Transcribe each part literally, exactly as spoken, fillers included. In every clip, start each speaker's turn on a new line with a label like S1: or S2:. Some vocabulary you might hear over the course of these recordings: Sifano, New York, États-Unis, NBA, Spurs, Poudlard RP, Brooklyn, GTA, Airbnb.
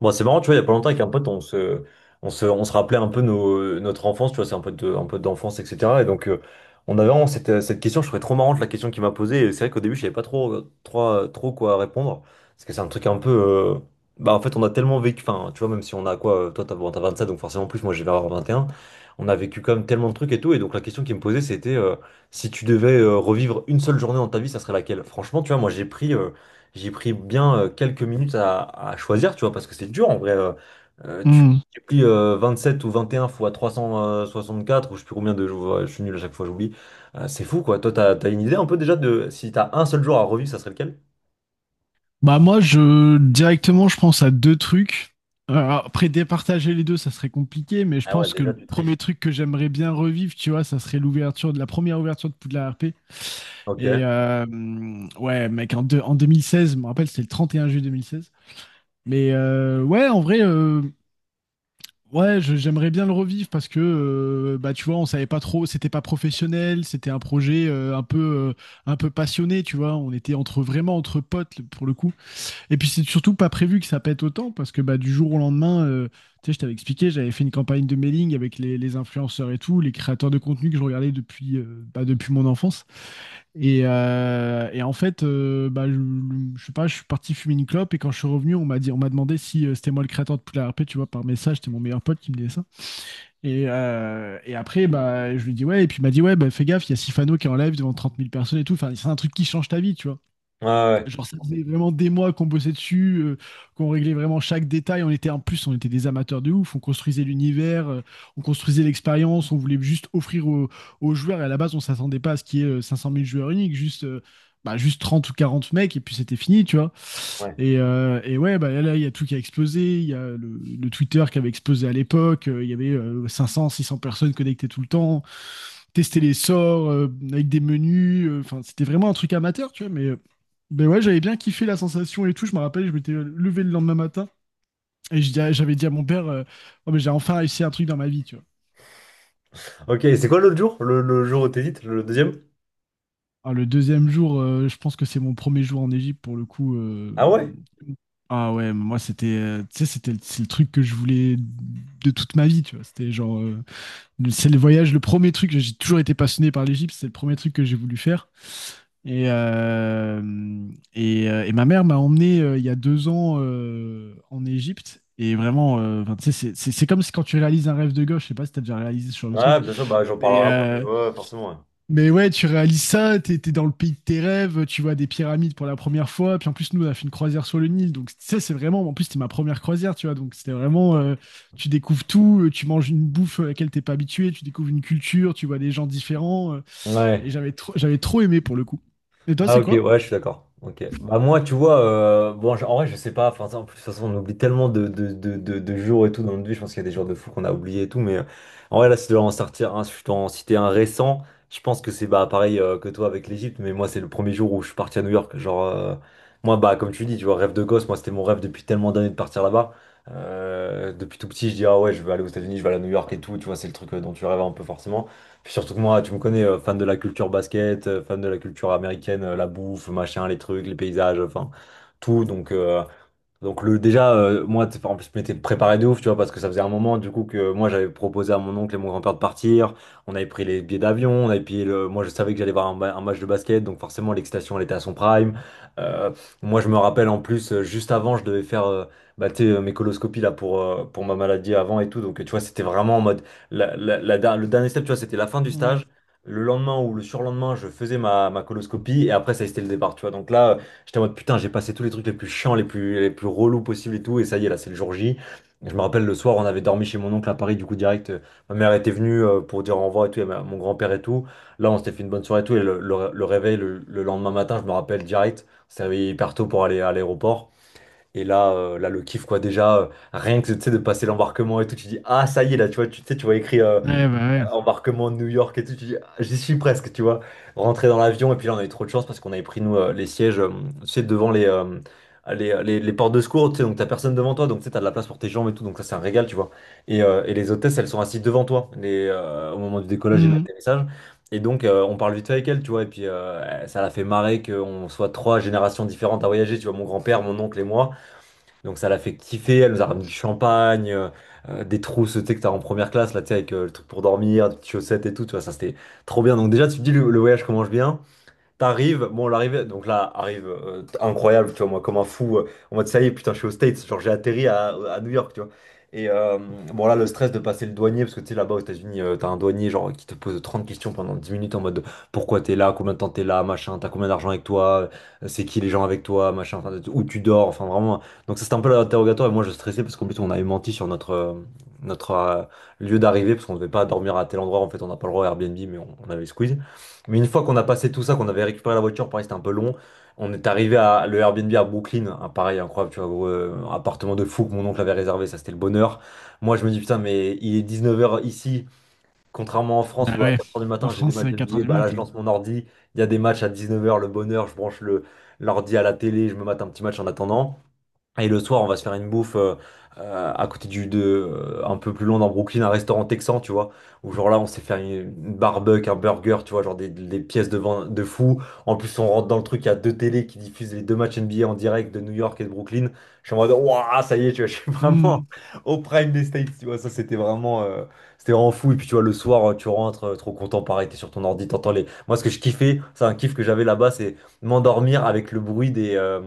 S1: Bon, c'est marrant, tu vois, il y a pas longtemps avec un pote, on se, on se, on se rappelait un peu nos, notre enfance, tu vois, c'est un peu de, un peu d'enfance, et cetera. Et donc, euh, on avait vraiment cette, euh, cette question, je trouvais trop marrante la question qu'il m'a posée. Et c'est vrai qu'au début, je savais pas trop, euh, trop, euh, trop quoi répondre. Parce que c'est un truc un peu. euh, Bah, en fait, on a tellement vécu, enfin, tu vois, même si on a quoi, euh, toi, t'as bon, t'as vingt-sept, donc forcément plus, moi, j'ai vers vingt et un. On a vécu quand même tellement de trucs et tout. Et donc, la question qu'il me posait, c'était euh, si tu devais euh, revivre une seule journée dans ta vie, ça serait laquelle? Franchement, tu vois, moi, j'ai pris. euh, j'ai pris bien euh, quelques minutes à, à choisir, tu vois, parce que c'est dur en vrai. Euh, euh, tu
S2: Hmm.
S1: multiplies euh, vingt-sept ou vingt et un fois trois cent soixante-quatre, ou je sais plus combien de jours, euh, je suis nul à chaque fois, j'oublie. Euh, c'est fou, quoi. Toi, t'as, t'as une idée un peu déjà de si t'as un seul jour à revivre, ça serait lequel?
S2: Bah moi je directement je pense à deux trucs. Euh, Après départager les deux ça serait compliqué, mais je
S1: Ah ouais,
S2: pense que
S1: déjà
S2: le
S1: tu
S2: premier
S1: triches.
S2: truc que j'aimerais bien revivre, tu vois, ça serait l'ouverture de la première ouverture de Poudlard R P.
S1: Ok.
S2: et
S1: Ouais,
S2: euh, hum, ouais mec, en, deux- en deux mille seize, je me rappelle, c'était le trente et un juillet deux mille seize. Mais euh, ouais, en vrai, euh, ouais, je- j'aimerais bien le revivre parce que euh, bah tu vois, on savait pas trop, c'était pas professionnel, c'était un projet euh, un peu euh, un peu passionné, tu vois. On était entre vraiment entre potes pour le coup. Et puis c'est surtout pas prévu que ça pète autant, parce que bah, du jour au lendemain, euh, tu sais, je t'avais expliqué, j'avais fait une campagne de mailing avec les, les influenceurs et tout, les créateurs de contenu que je regardais depuis, euh, bah, depuis mon enfance. Et, euh, et en fait, euh, bah, je, je sais pas, je suis parti fumer une clope et quand je suis revenu, on m'a dit, on m'a demandé si euh, c'était moi le créateur de Poudlard R P, tu vois, par message, c'était mon meilleur pote qui me disait ça. Et, euh, et après, bah, je lui dis ouais, et puis il m'a dit ouais, bah, fais gaffe, il y a Sifano qui est en live devant trente mille personnes et tout. Enfin, c'est un truc qui change ta vie, tu vois.
S1: ouais.
S2: Genre, ça faisait vraiment des mois qu'on bossait dessus, euh, qu'on réglait vraiment chaque détail. On était en plus, on était des amateurs de ouf. On construisait l'univers, euh, on construisait l'expérience. On voulait juste offrir aux, aux joueurs. Et à la base, on s'attendait pas à ce qu'il y ait euh, cinq cent mille joueurs uniques, juste, euh, bah, juste trente ou quarante mecs, et puis c'était fini, tu vois.
S1: Ouais.
S2: Et, euh, et ouais, bah là, il y a tout qui a explosé. Il y a le, le Twitter qui avait explosé à l'époque. euh, Il y avait euh, cinq cents, six cents personnes connectées tout le temps tester les sorts euh, avec des menus. euh, Enfin, c'était vraiment un truc amateur, tu vois. Mais, euh, ben ouais, j'avais bien kiffé la sensation et tout. Je me rappelle, je m'étais levé le lendemain matin et je dis à- j'avais dit à mon père, euh, Oh, mais j'ai enfin réussi un truc dans ma vie, tu vois.
S1: Ok, et c'est quoi l'autre jour? Le, le jour où t'hésites, le deuxième?
S2: Alors, le deuxième jour, euh, je pense que c'est mon premier jour en Égypte pour le coup. euh,
S1: Ah ouais?
S2: Ah ouais, moi c'était, euh, tu sais, c'était c'est le truc que je voulais de toute ma vie, tu vois. C'était genre, euh, le- c'est le voyage, le premier truc. J'ai toujours été passionné par l'Égypte, c'est le premier truc que j'ai voulu faire. Et, euh, et, euh, et ma mère m'a emmené euh, il y a deux ans euh, en Égypte. Et vraiment, euh, enfin, tu sais, c'est c'est- c'est comme si quand tu réalises un rêve de gauche, je sais pas si t'as déjà réalisé ce genre de truc,
S1: Ouais, bien sûr, bah j'en
S2: mais,
S1: parlerai après, mais
S2: euh,
S1: ouais, forcément.
S2: mais ouais, tu réalises ça, t'es, t'es dans le pays de tes rêves, tu vois des pyramides pour la première fois, puis en plus, nous, on a fait une croisière sur le Nil, donc tu sais, c'est vraiment, en plus, c'était ma première croisière, tu vois, donc c'était vraiment, euh, tu découvres tout, euh, tu manges une bouffe euh, à laquelle t'es pas habitué, tu découvres une culture, tu vois des gens différents, euh,
S1: Ouais.
S2: et
S1: Ouais.
S2: j'avais trop, j'avais trop aimé pour le coup. Et toi,
S1: Ah
S2: c'est
S1: ok,
S2: quoi?
S1: ouais, je suis d'accord. Ok. Bah moi, tu vois, euh, bon, je- en vrai, je sais pas. Enfin, ça, en plus, de toute façon, on oublie tellement de, de, de, de, de jours et tout dans notre vie. Je pense qu'il y a des jours de fou qu'on a oublié et tout. Mais euh, en vrai, là, si je dois en sortir un, si je dois en citer un récent, je pense que c'est bah pareil euh, que toi avec l'Égypte. Mais moi, c'est le premier jour où je suis parti à New York. Genre, euh, moi, bah comme tu dis, tu vois, rêve de gosse. Moi, c'était mon rêve depuis tellement d'années de partir là-bas. Euh, depuis tout petit, je dis ah ouais, je veux aller aux États-Unis, je veux aller à New York et tout. Tu vois, c'est le truc euh, dont tu rêves un peu forcément. Puis surtout que moi, tu me connais, euh, fan de la culture basket, euh, fan de la culture américaine, euh, la bouffe, machin, les trucs, les paysages, enfin tout. Donc, euh, donc le déjà euh, moi t'es- en plus je m'étais préparé de ouf tu vois parce que ça faisait un moment du coup que moi j'avais proposé à mon oncle et mon grand-père de partir, on avait pris les billets d'avion, on avait payé le moi je savais que j'allais voir un, ma- un match de basket donc forcément l'excitation elle était à son prime. Euh, Moi je me rappelle en plus euh, juste avant je devais faire euh, bah, tu sais, euh, mes coloscopies là pour euh, pour ma maladie avant et tout donc tu vois c'était vraiment en mode la, la- la der- le dernier step tu vois c'était la fin du stage. Le lendemain ou le surlendemain, je faisais ma, ma coloscopie et après ça c'était le départ, tu vois. Donc là, j'étais en mode putain, j'ai passé tous les trucs les plus chiants, les plus, les plus relous possibles et tout, et ça y est, là, c'est le jour J. Et je me rappelle le soir, on avait dormi chez mon oncle à Paris, du coup, direct, euh, ma mère était venue euh, pour dire au revoir et tout, et ma- mon grand-père et tout. Là, on s'était fait une bonne soirée et tout, et le, le- le réveil, le, le lendemain matin, je me rappelle direct, on s'est réveillé hyper tôt pour aller à l'aéroport. Et là, euh, là, le kiff, quoi, déjà, euh, rien que, tu sais, de passer l'embarquement et tout, tu dis, ah, ça y est, là, tu vois, tu tu sais, tu vois écrit euh,
S2: Ouais, bah ouais.
S1: embarquement de New York et tout, tu dis, ah, j'y suis presque, tu vois. Rentrer dans l'avion, et puis là, on a eu trop de chance parce qu'on avait pris, nous, euh, les sièges, euh, tu sais, devant les, euh, les, les, les portes de secours, tu sais, donc t'as personne devant toi, donc tu sais, t'as de la place pour tes jambes et tout, donc ça, c'est un régal, tu vois. Et, euh, et les hôtesses, elles sont assises devant toi les, euh, au moment du décollage et de
S2: Hmm.
S1: l'atterrissage. Et donc, euh, on parle vite fait avec elle, tu vois, et puis euh, ça l'a fait marrer qu'on soit trois générations différentes à voyager, tu vois, mon grand-père, mon oncle et moi. Donc ça l'a fait kiffer, elle nous a ramené du champagne, euh, euh, des trousses, tu sais, que t'as en première classe, là, tu sais, avec euh, le truc pour dormir, des petites chaussettes et tout, tu vois, ça c'était trop bien. Donc déjà, tu te dis, le, le voyage commence bien. T'arrives, bon, l'arrivée, donc là, arrive euh, incroyable, tu vois, moi, comme un fou, euh, en mode ça y est, putain, je suis aux States, genre j'ai atterri à, à New York, tu vois. Et euh, bon, là, le stress de passer le douanier, parce que tu sais, là-bas aux États-Unis, euh, t'as un douanier, genre, qui te pose trente questions pendant dix minutes en mode pourquoi t'es là, combien de temps t'es là, machin, t'as combien d'argent avec toi, euh, c'est qui les gens avec toi, machin, enfin, où tu dors, enfin, vraiment. Donc, ça, c'était un peu l'interrogatoire, et moi, je stressais parce qu'en plus, on avait menti sur notre. Euh, notre euh, lieu d'arrivée parce qu'on ne devait pas dormir à tel endroit en fait on n'a pas le droit à Airbnb mais on, on avait squeeze mais une fois qu'on a passé tout ça, qu'on avait récupéré la voiture, pareil, c'était un peu long. On est arrivé à le Airbnb à Brooklyn, hein, pareil, incroyable, tu vois, gros, euh, un appartement de fou que mon oncle avait réservé, ça c'était le bonheur. Moi je me dis putain, mais il est dix-neuf heures ici, contrairement en France
S2: Bah
S1: où à
S2: ouais.
S1: quatre heures du
S2: En
S1: matin j'ai des
S2: France,
S1: matchs
S2: c'est quatre heures
S1: N B A,
S2: du
S1: bah là
S2: mat.
S1: je
S2: Ouais.
S1: lance mon ordi, il y a des matchs à dix-neuf heures, le bonheur, je branche le l'ordi à la télé, je me mate un petit match en attendant. Et le soir, on va se faire une bouffe euh, euh, à côté du de euh, un peu plus loin dans Brooklyn, un restaurant texan, tu vois. Où genre là, on s'est fait une, une barbecue, un burger, tu vois, genre des, des pièces de vin de fou. En plus, on rentre dans le truc, il y a deux télés qui diffusent les deux matchs N B A en direct de New York et de Brooklyn. Je suis en mode, waouh, ça y est, tu vois, je suis vraiment
S2: Hmm.
S1: au prime des States, tu vois. Ça, c'était vraiment, euh, c'était vraiment fou. Et puis, tu vois, le soir, euh, tu rentres, euh, trop content, pareil, t'es sur ton ordi, t'entends les. Moi, ce que je kiffais, c'est un kiff que j'avais là-bas, c'est m'endormir avec le bruit des. euh,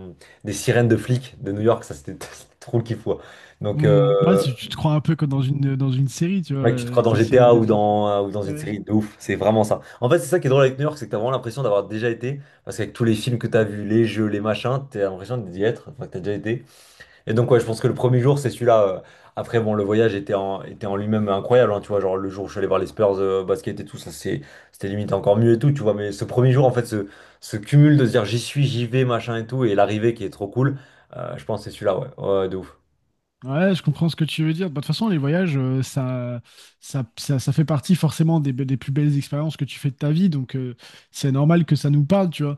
S1: des sirènes de flics de New York, ça c'était c'était trop le kiff. Ouais. Donc,
S2: Hmm. Ouais,
S1: euh,
S2: c'est- tu te crois un peu comme dans une, dans une série, tu vois,
S1: mec, tu te crois
S2: avec
S1: dans
S2: les sirènes
S1: G T A
S2: de
S1: ou
S2: flics.
S1: dans, euh, ou dans une
S2: Ouais.
S1: série de ouf, c'est vraiment ça. En fait, c'est ça qui est drôle avec New York, c'est que t'as vraiment l'impression d'avoir déjà été, parce qu'avec tous les films que t'as vus, les jeux, les machins, t'as l'impression d'y être, enfin, que t'as déjà été. Et donc, ouais, je pense que le premier jour, c'est celui-là. euh. Après, bon, le voyage était en, était en lui-même incroyable, hein, tu vois. Genre, le jour où je suis allé voir les Spurs euh, basket et tout, ça, c'est, c'était limite encore mieux et tout, tu vois. Mais ce premier jour, en fait, ce, ce cumul de se dire j'y suis, j'y vais, machin et tout, et l'arrivée qui est trop cool, euh, je pense que c'est celui-là, ouais. Ouais, de ouf.
S2: Ouais, je comprends ce que tu veux dire. Bah, de toute façon, les voyages, euh, ça, ça, ça, ça fait partie forcément des, be- des plus belles expériences que tu fais de ta vie. Donc, euh, c'est normal que ça nous parle, tu vois.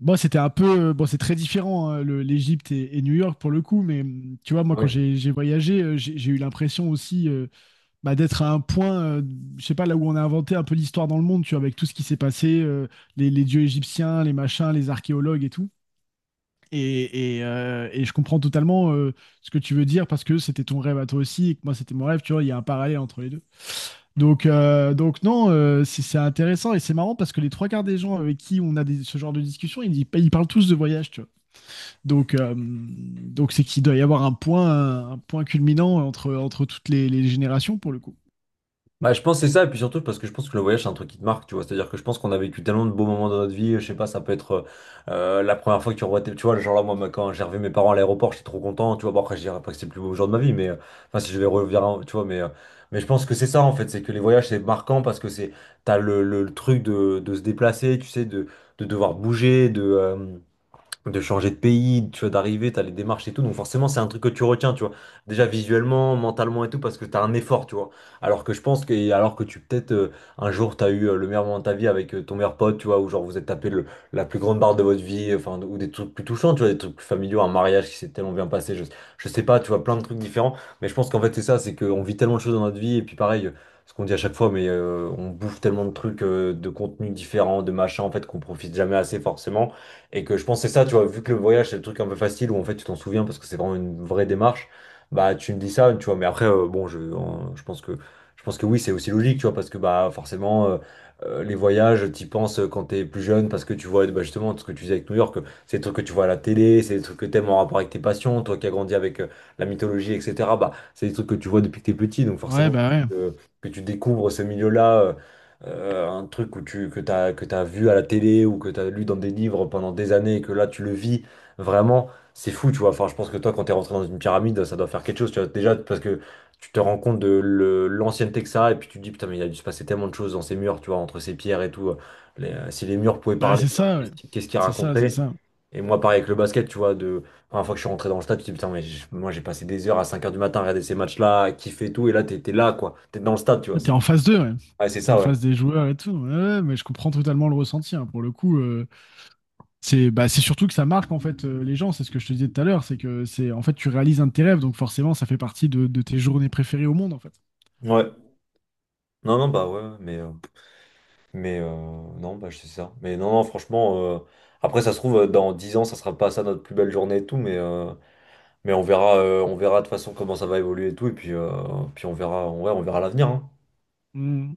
S2: Moi, c'était un peu. Euh, bon, c'est très différent, hein, le- l'Égypte et, et New York pour le coup. Mais hum, tu vois, moi, quand
S1: Oui.
S2: j'ai j'ai voyagé, euh, j'ai j'ai eu l'impression aussi. Euh, bah, d'être à un point, euh, je sais pas, là où on a inventé un peu l'histoire dans le monde, tu vois, avec tout ce qui s'est passé, euh, les, les dieux égyptiens, les machins, les archéologues et tout. Et, et, euh, et je comprends totalement euh, ce que tu veux dire parce que c'était ton rêve à toi aussi et que moi c'était mon rêve, tu vois, il y a un parallèle entre les deux. Donc, euh, donc non, euh, c'est c'est intéressant et c'est marrant parce que les trois quarts des gens avec qui on a des- ce genre de discussion, ils, ils parlent tous de voyage, tu vois. Donc, euh, donc c'est qu'il doit y avoir un point, un point culminant entre, entre toutes les, les générations pour le coup.
S1: Bah, je pense que c'est ça, et puis surtout parce que je pense que le voyage c'est un truc qui te marque, tu vois. C'est-à-dire que je pense qu'on a vécu tellement de beaux moments dans notre vie. Je sais pas, ça peut être euh, la première fois que tu revois tes, tu vois, genre là, moi, ma- quand j'ai revu mes parents à l'aéroport, j'étais trop content, tu vois. Bon, après, je dirais pas que c'est le plus beau jour de ma vie, mais euh, enfin, si je vais revenir, en- tu vois, mais euh, mais je pense que c'est ça en fait, c'est que les voyages c'est marquant parce que c'est t'as le, le, le truc de, de se déplacer, tu sais, de, de devoir bouger, de, euh, de changer de pays, tu vois, d'arriver, t'as les démarches et tout. Donc forcément, c'est un truc que tu retiens, tu vois. Déjà visuellement, mentalement et tout, parce que t'as un effort, tu vois. Alors que je pense que, et alors que tu peut-être euh, un jour t'as eu euh, le meilleur moment de ta vie avec euh, ton meilleur pote, tu vois, ou genre vous êtes tapé le- la plus grande barre de votre vie, enfin, ou des trucs plus touchants, tu vois, des trucs plus familiaux, un mariage qui s'est tellement bien passé, je, je sais pas, tu vois, plein de trucs différents. Mais je pense qu'en fait, c'est ça, c'est qu'on vit tellement de choses dans notre vie, et puis pareil. euh, Ce qu'on dit à chaque fois, mais euh, on bouffe tellement de trucs, euh, de contenus différents, de machins, en fait, qu'on profite jamais assez forcément. Et que je pense que c'est ça, tu vois, vu que le voyage, c'est le truc un peu facile où en fait tu t'en souviens parce que c'est vraiment une vraie démarche, bah tu me dis ça, tu vois. Mais après, euh, bon, je, en- je pense que, je pense que, oui, c'est aussi logique, tu vois, parce que bah forcément, euh, euh, les voyages, t'y penses euh, quand t'es plus jeune parce que tu vois bah, justement ce que tu disais avec New York, euh, c'est des trucs que tu vois à la télé, c'est des trucs que t'aimes en rapport avec tes passions, toi qui as grandi avec euh, la mythologie, et cetera. Bah, c'est des trucs que tu vois depuis que t'es petit, donc
S2: Ouais,
S1: forcément,
S2: bah
S1: il faut
S2: ouais.
S1: que, que tu découvres ce milieu-là. Euh, euh, un truc où tu, que t'as, que t'as vu à la télé ou que t'as lu dans des livres pendant des années et que là tu le vis, vraiment, c'est fou, tu vois. Enfin, je pense que toi, quand t'es rentré dans une pyramide, ça doit faire quelque chose, tu vois. Déjà, parce que tu te rends compte de le- l'ancienneté que ça a et puis tu te dis, putain, mais il a dû se passer tellement de choses dans ces murs, tu vois, entre ces pierres et tout. Les- euh, si les murs pouvaient
S2: Bah,
S1: parler,
S2: c'est ça,
S1: qu'est-ce
S2: ouais.
S1: qui- qu'est-ce qu'ils
S2: C'est ça, c'est
S1: raconteraient?
S2: ça.
S1: Et moi, pareil avec le basket, tu vois, de la première fois que je suis rentré dans le stade, tu te dis, putain, mais j- moi, j'ai passé des heures à cinq heures du matin à regarder ces matchs-là, à kiffer et tout, et là, t'es t'es là, quoi. T'es dans le stade, tu vois.
S2: Ouais, t'es
S1: C'est
S2: en face d'eux, ouais.
S1: Ouais, c'est
S2: T'es en
S1: ça, ouais.
S2: face des joueurs et tout. Ouais, ouais, mais je comprends totalement le ressenti, hein. Pour le coup, euh, c'est bah, c'est surtout que ça marque en fait euh, les gens. C'est ce que je te disais tout à l'heure. C'est que c'est en fait tu réalises un de tes rêves, donc forcément ça fait partie de, de tes journées préférées au monde en fait.
S1: Ouais. Non, non, bah ouais, ouais, mais, euh, mais euh, non, bah c'est ça. Mais non, non, franchement, euh, après, ça se trouve, euh, dans dix ans, ça sera pas ça notre plus belle journée et tout, mais, euh, mais on verra, euh, on verra de toute façon comment ça va évoluer et tout, et puis, euh, puis on verra, ouais, on verra l'avenir, hein.
S2: Mm.